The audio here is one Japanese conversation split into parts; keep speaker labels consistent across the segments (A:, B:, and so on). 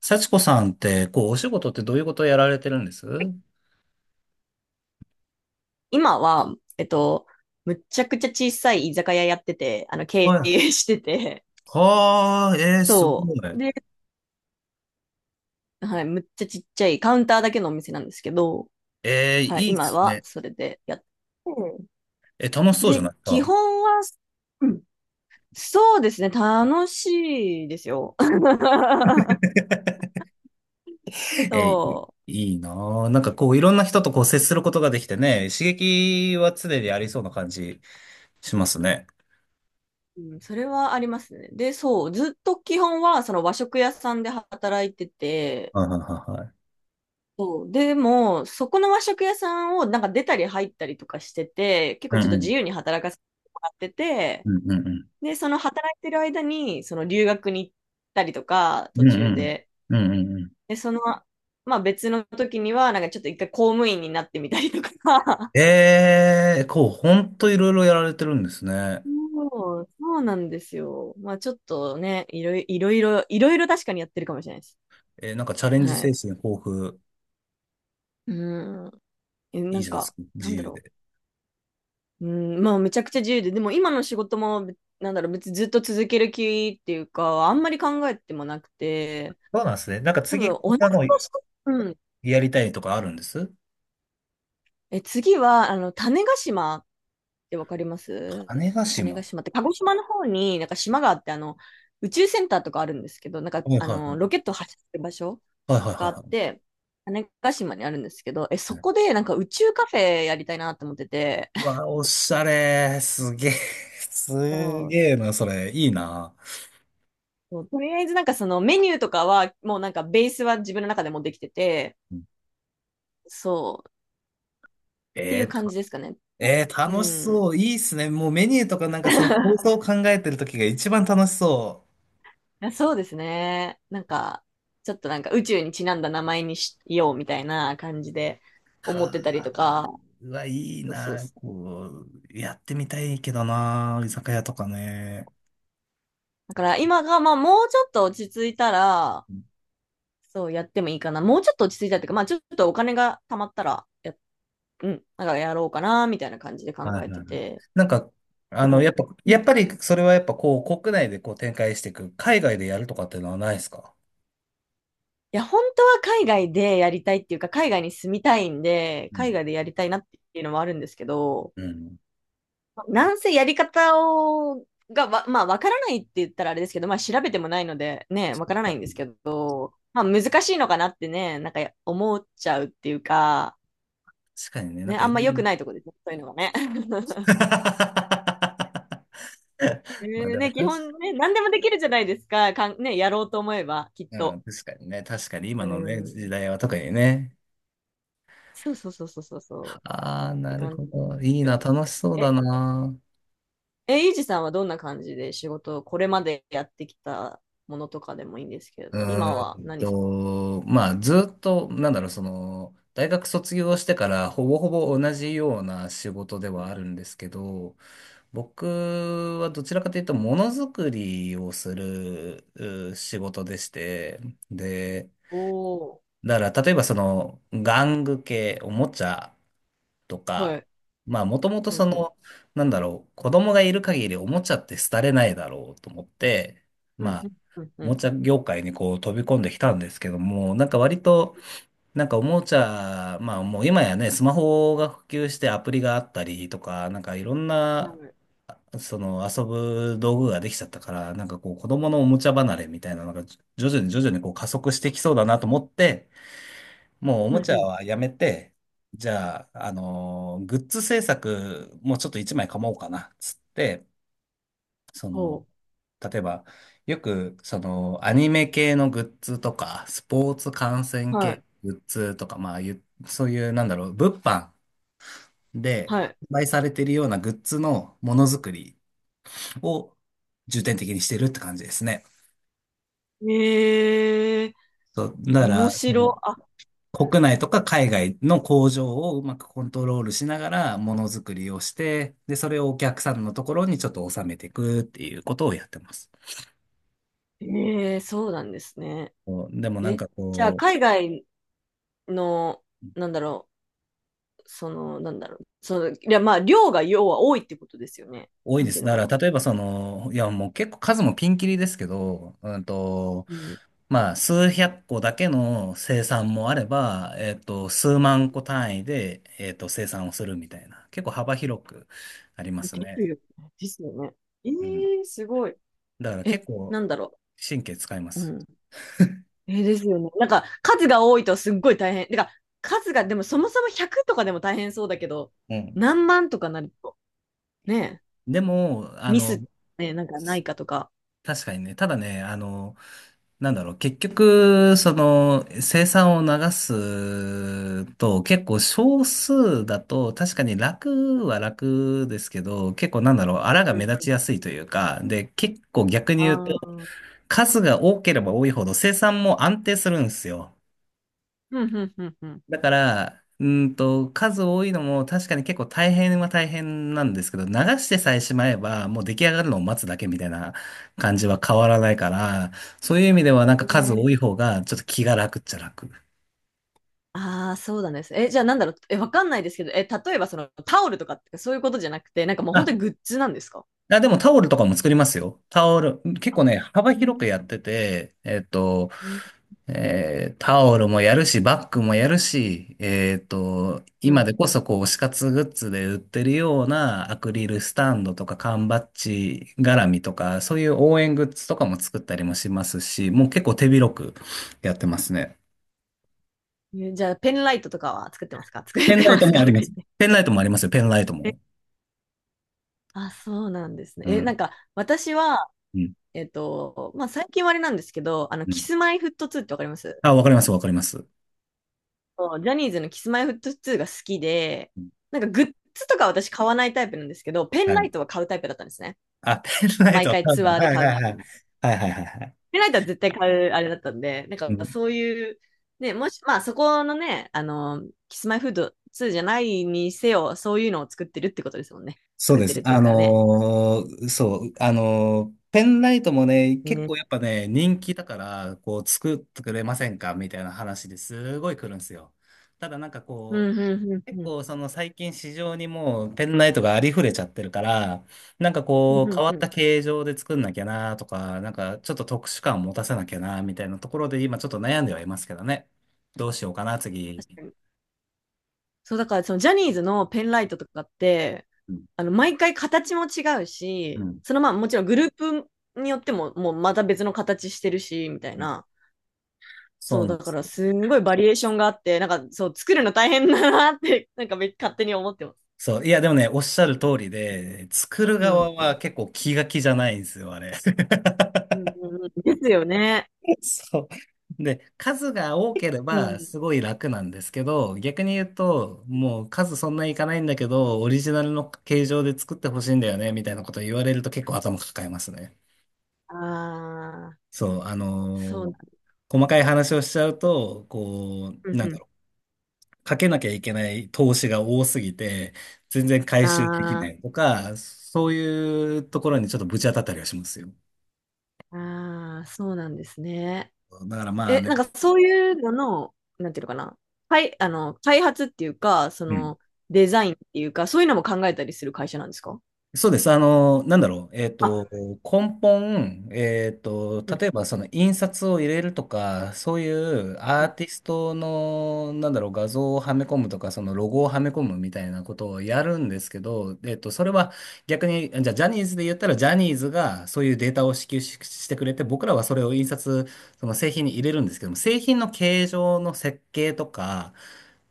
A: 幸子さんって、こう、お仕事ってどういうことをやられてるんです。は
B: 今は、むっちゃくちゃ小さい居酒屋やってて、経
A: い。
B: 営してて、
A: はあ、す
B: そ
A: ご
B: う。
A: い。
B: で、はい、むっちゃちっちゃいカウンターだけのお店なんですけど、はい、
A: いいで
B: 今
A: す
B: は
A: ね。
B: それでやって、
A: 楽しそうじゃ
B: で、
A: ないです
B: 基
A: か。
B: 本は、うん、そうですね、楽しいですよ。
A: えー、い
B: そ
A: いいなぁ。なんかこう、いろんな人とこう、接することができてね、刺激は常にありそうな感じしますね。
B: う、うん、それはありますね。で、そう、ずっと基本はその和食屋さんで働いてて、
A: はいはいはいはい。
B: そう。でも、そこの和食屋さんをなんか出たり入ったりとかしてて、結
A: う
B: 構ちょ
A: ん
B: っと
A: う
B: 自
A: ん。
B: 由に働かせてもらってて、
A: うんうんう
B: で、その働いてる間に、その留学に行ったりとか、
A: ん。う
B: 途
A: ん
B: 中
A: うん。
B: で。
A: うんうんう
B: で、まあ別の時には、なんかちょっと一回公務員になってみたりとか。
A: ん。こう、ほんといろいろやられてるんですね。
B: そう、そうなんですよ。まあちょっとね、いろいろ確かにやってるかもしれないです。
A: なんかチャレンジ
B: は
A: 精
B: い。
A: 神豊富。
B: うん。
A: い
B: な
A: い
B: ん
A: じゃないです
B: か、
A: か。自
B: なんだ
A: 由
B: ろ
A: で。
B: う。うん、まあめちゃくちゃ自由で、でも今の仕事も、べなんだろう、別にずっと続ける気っていうか、あんまり考えてもなくて、
A: そうなんですね。なんか
B: 多分
A: 次、こん
B: 同じ
A: なの
B: 場所、うん。
A: やりたいとかあるんです。
B: 次は、種子島ってわかります？
A: 種子
B: 種子
A: 島。
B: 島って、鹿児島の方になんか島があって、宇宙センターとかあるんですけど、なんか、
A: はいはいはい。
B: ロケット発射する場所
A: はいはいは
B: があ
A: い
B: っ
A: は
B: て、種子島にあるんですけど、
A: い。
B: そ
A: ね、
B: こでなんか宇宙カフェやりたいなと思ってて、
A: う わ、おしゃれ。すげえ。す
B: そう、
A: げえな、それ。いいな。
B: そう、とりあえずなんかそのメニューとかは、もうなんかベースは自分の中でもできてて、
A: うん。
B: そう、ってい
A: え
B: う
A: ー、
B: 感
A: た
B: じですかね。う
A: 楽し
B: ん。
A: そう。いいっすね。もうメニューとかなんかその構 想を考えてる時が一番楽しそう。
B: そうですね。なんか、ちょっとなんか宇宙にちなんだ名前にしようみたいな感じで
A: は
B: 思ってたりと
A: あ、
B: か、
A: うわ、いい
B: そう、そう、
A: な。
B: そう。
A: こう、やってみたいけどな。居酒屋とかね。
B: だから今がまあもうちょっと落ち着いたら、そうやってもいいかな。もうちょっと落ち着いたっていうか、まあちょっとお金が貯まったらうん、なんかやろうかな、みたいな感じで考
A: はいは
B: え
A: い
B: て
A: はい。
B: て、
A: なんか、
B: って感
A: やっぱ、
B: じ。う
A: や
B: ん、
A: っぱりそれはやっぱこう、国内でこう展開していく、海外でやるとかっていうのはないですか。
B: いや、本当は海外でやりたいっていうか、海外に住みたいんで、
A: う
B: 海
A: ん。
B: 外でやりたいなっていうのもあるんですけど、
A: うん。
B: なんせやり方を、まあ、わからないって言ったらあれですけど、まあ、調べてもないので、ね、
A: そ
B: わからな
A: っ
B: いんです
A: か、
B: けど、まあ、難しいのかなってね、なんか思っちゃうっていうか、
A: 確かにね、なん
B: ね、
A: か
B: あ
A: い
B: ん
A: ろ
B: ま良
A: ん
B: く
A: な。
B: ないとこですね、そういうのがね。
A: まあでも
B: ね、基
A: 確か、
B: 本ね、何でもできるじゃないですか、ね、やろうと思えば、きっ
A: う
B: と。
A: ん、確かにね、確かに今
B: う
A: のね、時
B: ん。
A: 代は特にね。
B: そうそうそうそうそうそう。
A: ああ、
B: って
A: なる
B: 感じ
A: ほ
B: で
A: ど。いい
B: やっ
A: な、
B: て
A: 楽し
B: て。
A: そうだな。
B: ゆうじさんはどんな感じで仕事をこれまでやってきたものとかでもいいんですけれ
A: う
B: ど、今は何さ、
A: まあ、ずっと、なんだろう、その、大学卒業してからほぼほぼ同じような仕事ではあるんですけど、僕はどちらかというと、ものづくりをするう仕事でして、で、
B: おー、
A: だから、例えばその、玩具系、おもちゃと
B: は
A: か、
B: い。
A: まあもともと
B: う
A: そ
B: んうん。
A: の、なんだろう、子供がいる限りおもちゃって廃れないだろうと思って、
B: うん
A: ま
B: う
A: あ、
B: ん。うん
A: お
B: う
A: も
B: ん。
A: ちゃ業界にこう飛び込んできたんですけども、なんか割と、なんかおもちゃ、まあもう今やね、スマホが普及してアプリがあったりとか、なんかいろん
B: は
A: な、
B: い。
A: その遊ぶ道具ができちゃったから、なんかこう子供のおもちゃ離れみたいなのが徐々に徐々にこう加速してきそうだなと思って、もうお
B: う
A: も
B: ん
A: ち
B: う
A: ゃ
B: ん。
A: はやめて、じゃあ、グッズ制作もうちょっと一枚かもうかな、つって、そ
B: ほ
A: の、例えば、よく、その、アニメ系のグッズとか、スポーツ観
B: う。
A: 戦
B: は
A: 系
B: い。
A: グッズとか、まあ、そういう、なんだろう、物販で
B: は
A: 販売されているようなグッズのものづくりを重点的にしてるって感じですね。
B: い。
A: そう、だか
B: 面
A: ら、そ
B: 白。
A: の
B: あ、
A: 国内とか海外の工場をうまくコントロールしながらものづくりをして、で、それをお客さんのところにちょっと収めていくっていうことをやってます。
B: えそうなんですね。
A: こうでもなん
B: え、
A: か
B: じゃあ、
A: こう、
B: 海外の、なんだろう、なんだろう、いや、まあ、量が要は多いってことですよね。
A: 多い
B: なん
A: で
B: てい
A: す。
B: うの
A: だ
B: か
A: か
B: な。
A: ら例えばその、いやもう結構数もピンキリですけど、
B: うん。
A: まあ数百個だけの生産もあれば、数万個単位で、生産をするみたいな、結構幅広くあります
B: で
A: ね。
B: すよね。ですよね。え
A: うん。
B: すごい。
A: だから
B: え、
A: 結構
B: なんだろ
A: 神経使いま
B: う。う
A: す。
B: ん。ですよね。なんか、数が多いとすっごい大変。てか、数が、でもそもそも100とかでも大変そうだけど、
A: うん。
B: 何万とかなると、ね
A: でも、
B: え、ミス、ね、なんかないかとか。
A: 確かにね、ただね、なんだろう、結局、その、生産を流すと、結構少数だと、確かに楽は楽ですけど、結構なんだろう、あらが
B: うん
A: 目立
B: う
A: ちや
B: ん、
A: すいというか、で、結構逆に
B: あ
A: 言うと、
B: あ、うん
A: 数が多ければ多いほど生産も安定するんですよ。
B: うんうんうん。
A: だから、数多いのも確かに結構大変は大変なんですけど、流してさえしまえば、もう出来上がるのを待つだけみたいな感じは変わらないから、そういう意味ではなんか数
B: ね、
A: 多い方がちょっと気が楽っちゃ楽。
B: ああ、そうなんです。じゃあなんだろう、わかんないですけど、例えばそのタオルとかってそういうことじゃなくて、なんかもう本当にグッズなんですか？
A: あ、でもタオルとかも作りますよ。タオル、結
B: あ、
A: 構ね、幅
B: う
A: 広く
B: ん、
A: やってて、
B: うん、
A: タオルもやるし、バッグもやるし、
B: う
A: 今で
B: ん。
A: こそこう、推し活グッズで売ってるようなアクリルスタンドとか缶バッジ絡みとか、そういう応援グッズとかも作ったりもしますし、もう結構手広くやってますね。
B: じゃあペンライトとかは作ってますか作
A: ペ
B: っ
A: ン
B: て
A: ライ
B: ま
A: ト
B: す
A: も
B: か
A: あ
B: と
A: り
B: か
A: ま
B: 言っ
A: す。
B: て。
A: ペンライトもありますよ、ペンライトも。
B: あ、そうなんですね。
A: う
B: な
A: ん。
B: んか、私は、
A: うん。
B: まあ、最近はあれなんですけど、
A: う
B: キ
A: ん。
B: スマイフット2ってわかります？
A: あ、わかります、わかります。
B: そう、ジャニーズのキスマイフット2が好きで、
A: うん。
B: なんかグッズとか私買わないタイプなんですけど、ペ
A: は
B: ンラ
A: い。
B: イトは買うタイプだったんですね。
A: あ、ペンライ
B: 毎
A: ト、
B: 回
A: パンダ。
B: ツアーで
A: はい
B: 買
A: は
B: うみ
A: いは
B: たい
A: い。
B: な。
A: はいはいはいはい。
B: ペンライトは絶対買うあれだったんで、なん
A: う
B: か
A: ん。
B: そういう、ね、もし、まあ、そこのね、キスマイフット2じゃないにせよ、そういうのを作ってるってことですもんね。
A: そう
B: 作っ
A: で
B: て
A: す。
B: るっていうかね。
A: そう、ペンライトもね、結
B: ね、
A: 構やっぱね、人気だから、こう、作ってくれませんかみたいな話ですごい来るんですよ。ただなんか
B: う
A: こ
B: ん、うん、う
A: う、結
B: ん、うん。
A: 構その最近市場にもうペンライトがありふれちゃってるから、なんか
B: う
A: こ
B: んう
A: う、変
B: ん
A: わ
B: う
A: っ
B: ん、
A: た形状で作んなきゃなとか、なんかちょっと特殊感を持たせなきゃなみたいなところで今ちょっと悩んではいますけどね。どうしようかな、次。
B: 確かに、そう、だからそのジャニーズのペンライトとかって、
A: うん
B: 毎回形も違う
A: う
B: し、
A: ん
B: そのまあもちろんグループによってももうまた別の形してるし、みたい
A: うん。
B: な。
A: そ
B: そ
A: う
B: う、
A: なん
B: だ
A: で
B: か
A: す。
B: らすんごいバリエーションがあって、なんかそう、作るの大変だなって、なんか勝手に思ってます。
A: そう。いや、でもね、おっしゃる通りで、作る
B: う
A: 側
B: ん。う
A: は
B: ん
A: 結構気が気じゃないんですよ、あれ。
B: う んうん、ですよね。
A: そう。で、数が多けれ
B: う
A: ば
B: ん。
A: すごい楽なんですけど、逆に言うと、もう数そんないかないんだけど、オリジナルの形状で作ってほしいんだよね、みたいなこと言われると結構頭抱えますね。
B: ああ、
A: そう、
B: そうなん、
A: 細かい話をしちゃうと、こ
B: う
A: う、
B: ん
A: なん
B: う
A: だ
B: ん。
A: ろう、かけなきゃいけない投資が多すぎて、全然回収でき
B: あ
A: ないとか、そういうところにちょっとぶち当たったりはしますよ。
B: あ、ああ、そうなんですね。
A: だからまあね、
B: なんかそういうのの、なんていうのかな。はい、開発っていうか、
A: うん。
B: デザインっていうか、そういうのも考えたりする会社なんですか？
A: そうです。なんだろう。
B: あ、
A: 根本、
B: うん。
A: 例えばその印刷を入れるとか、そういうア
B: う
A: ーティストの、なんだろう、画像をはめ込むとか、そのロゴをはめ込むみたいなことをやるんですけど、それは逆に、じゃあジャニーズで言ったら、ジャニーズがそういうデータを支給し、してくれて、僕らはそれを印刷、その製品に入れるんですけども、製品の形状の設計とか、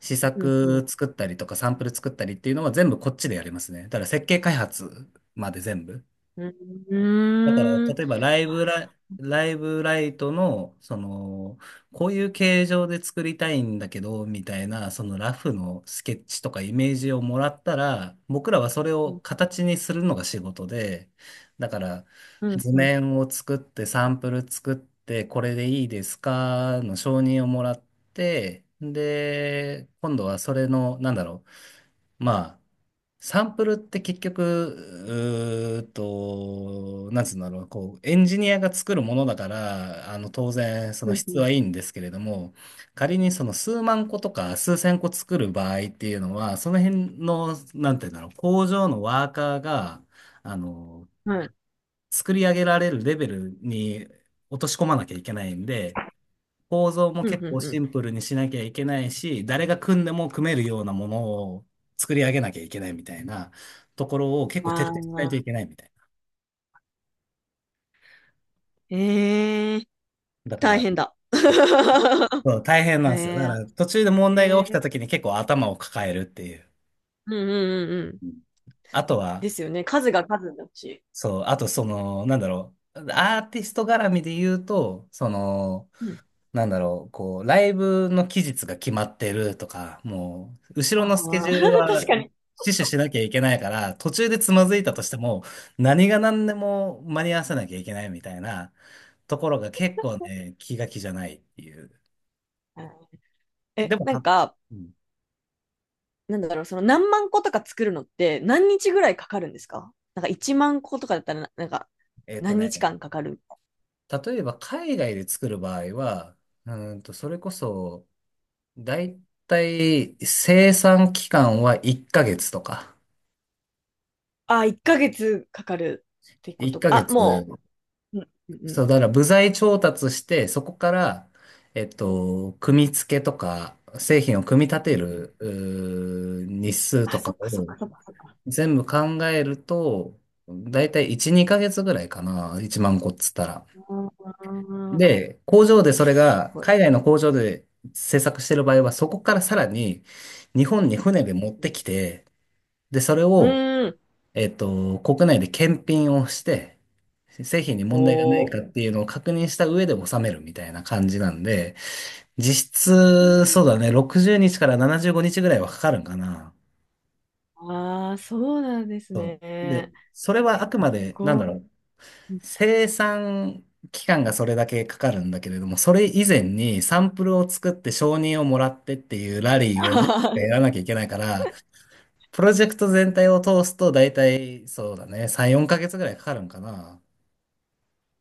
A: 試
B: んう
A: 作
B: ん、
A: 作ったりとかサンプル作ったりっていうのは全部こっちでやりますね。だから設計開発まで全部。
B: うん、う
A: だから、
B: ん、うーん、
A: 例えばライブライトの、その、こういう形状で作りたいんだけど、みたいな、そのラフのスケッチとかイメージをもらったら、僕らはそれ
B: う
A: を
B: ん、
A: 形にするのが仕事で、だから、
B: うん、
A: 図
B: うん、
A: 面を作って、サンプル作って、これでいいですかの承認をもらって、で、今度はそれの、なんだろう、まあ、サンプルって結局、うーっと、なんつうんだろう、こう、エンジニアが作るものだから、当然、そ
B: う
A: の
B: ん、う
A: 質は
B: ん、
A: いいんですけれども、仮にその数万個とか数千個作る場合っていうのは、その辺の、なんていうんだろう、工場のワーカーが、あの、
B: はい、
A: 作り上げられるレベルに落とし込まなきゃいけないんで、構造も
B: うん、う
A: 結構
B: ん、う
A: シ
B: ん。
A: ンプルにしなきゃいけないし、誰が組んでも組めるようなものを作り上げなきゃいけないみたいなところを結構徹
B: あ
A: 底しないと
B: あ、
A: いけないみたい
B: ええ、
A: な。だか
B: 大
A: ら、
B: 変だ。
A: そう大変なんですよ。だか
B: え
A: ら途中で問
B: え、
A: 題が
B: え
A: 起きた
B: え、
A: 時に結構頭を抱えるっていう。
B: うんうんうんうん。
A: うん。あとは、
B: ですよね。数が数だし。
A: そう、あとその、なんだろう、アーティスト絡みで言うと、その、
B: うん。
A: なんだろう、こう、ライブの期日が決まってるとか、もう、後ろ
B: あ
A: のスケジ
B: あ、
A: ュール は
B: 確かに。
A: 死守しなきゃいけないから、途中でつまずいたとしても、何が何でも間に合わせなきゃいけないみたいなところが結構ね、気が気じゃないっていう。
B: うん、
A: でも、
B: なん
A: た
B: か、
A: うん
B: なんだろう、その何万個とか作るのって何日ぐらいかかるんですか？なんか1万個とかだったらな、なんか
A: えっと
B: 何
A: ね、
B: 日間かかる、
A: 例えば海外で作る場合は、それこそ、だいたい生産期間は1ヶ月とか、
B: ああ、1ヶ月かかるってこ
A: 1
B: と
A: ヶ
B: か。あ、
A: 月
B: もう。うんうんうん
A: そう、だから部材調達して、そこから、組み付けとか、製品を組み立て
B: うんう
A: る、
B: ん。
A: 日数
B: あ、
A: とか
B: そっかそっ
A: を
B: かそっかそっか。
A: 全部考えると、だいたい1、2ヶ月ぐらいかな。1万個っつったら。
B: うーん。す
A: で、工場でそれが、
B: ごい。
A: 海外の工場で制作してる場合は、そこからさらに日本に船
B: う
A: で
B: ん
A: 持ってきて、で、それ
B: う
A: を、
B: ん。うーん。
A: 国内で検品をして、製品に問題がない
B: おー。
A: かっていうのを確認した上で納めるみたいな感じなんで、実質、そうだね、60日から75日ぐらいはかかるんかな。
B: ああ、そうなんです
A: そう。で、
B: ね。
A: それはあくまで、なん
B: こ
A: だろう、
B: う、
A: 生産期間がそれだけかかるんだけれども、それ以前にサンプルを作って承認をもらってっていうラリーをなんかやら なきゃいけないから、プロジェクト全体を通すと大体、そうだね、3、4ヶ月ぐらいかかるんかな。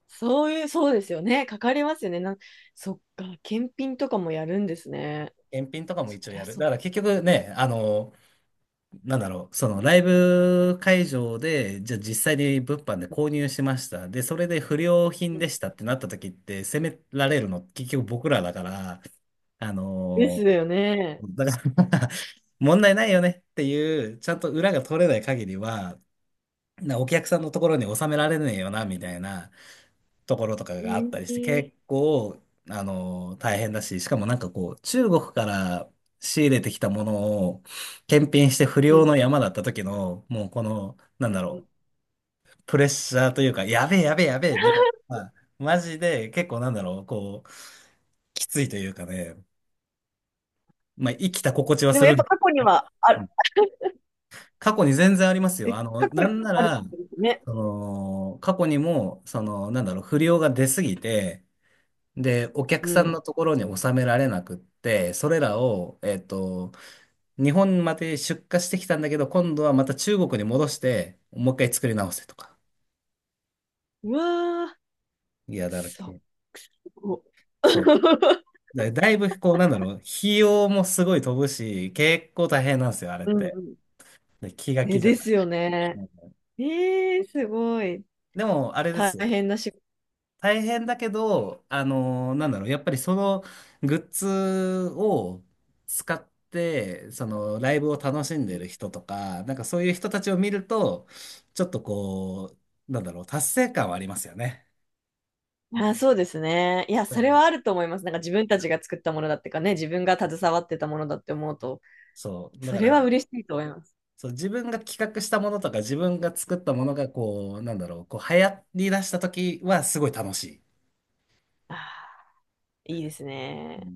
B: そういう、そうですよね。かかりますよね。な、そっか、検品とかもやるんですね。
A: 検品とかも
B: そ
A: 一応
B: り
A: や
B: ゃ
A: る。
B: そ
A: だ
B: う。
A: から結局ね、なんだろう、そのライブ会場で、じゃあ実際に物販で購入しました。で、それで不良品
B: うん、
A: でしたってなった時って、責められるの結局僕らだから、あ
B: です
A: の
B: よね。
A: だから 問題ないよねっていう、ちゃんと裏が取れない限りは、なお客さんのところに収められねえよな、みたいな。ところとかがあっ
B: え
A: たりして、
B: ー
A: 結構、大変だし、しかもなんかこう、中国から仕入れてきたものを検品して不
B: う
A: 良
B: ん
A: の山だった時の、もうこの、なんだ
B: う
A: ろ
B: ん
A: う、プレッシャーというか、やべえやべえやべえ、みたいな、マジで結構なんだろう、こう、きついというかね、まあ、生きた心地 は
B: で
A: す
B: もやっぱ
A: る。
B: 過去にはあ
A: う
B: る。
A: ん過去に全然ありますよ。
B: 過去
A: な
B: に
A: んな
B: ある
A: ら、
B: んですね。
A: その、過去にも、その、なんだろう、不良が出すぎて、で、お客
B: う
A: さんの
B: ん。
A: ところに収められなくって、それらを、日本まで出荷してきたんだけど、今度はまた中国に戻して、もう一回作り直せとか。
B: うわー、
A: いや、だから
B: そ
A: こ
B: っ
A: う、
B: か、すごっ。
A: そう。だいぶ、こう、なんだろう、費用もすごい飛ぶし、結構大変なんですよ、あれっ
B: うん
A: て。
B: うん。
A: で、気が
B: ね、
A: 気じゃ
B: で
A: な
B: す
A: い。
B: よね。
A: うん。
B: すごい。
A: でも、あれで
B: 大
A: すよ、
B: 変な仕事。
A: 大変だけど、なんだろう、やっぱりそのグッズを使って、そのライブを楽しんでる人とか、なんかそういう人たちを見ると、ちょっとこう、なんだろう、達成感はありますよね。
B: あ、そうですね。いや、
A: だ
B: そ
A: か
B: れ
A: ら
B: はあると思います。なんか自分たちが作ったものだってかね、自分が携わってたものだって思うと、
A: そう、だ
B: そ
A: か
B: れは
A: ら、
B: 嬉しいと思います。
A: そう、自分が企画したものとか、自分が作ったものが、こう、なんだろう、こう流行り出した時はすごい楽しい。
B: あー、いいですね。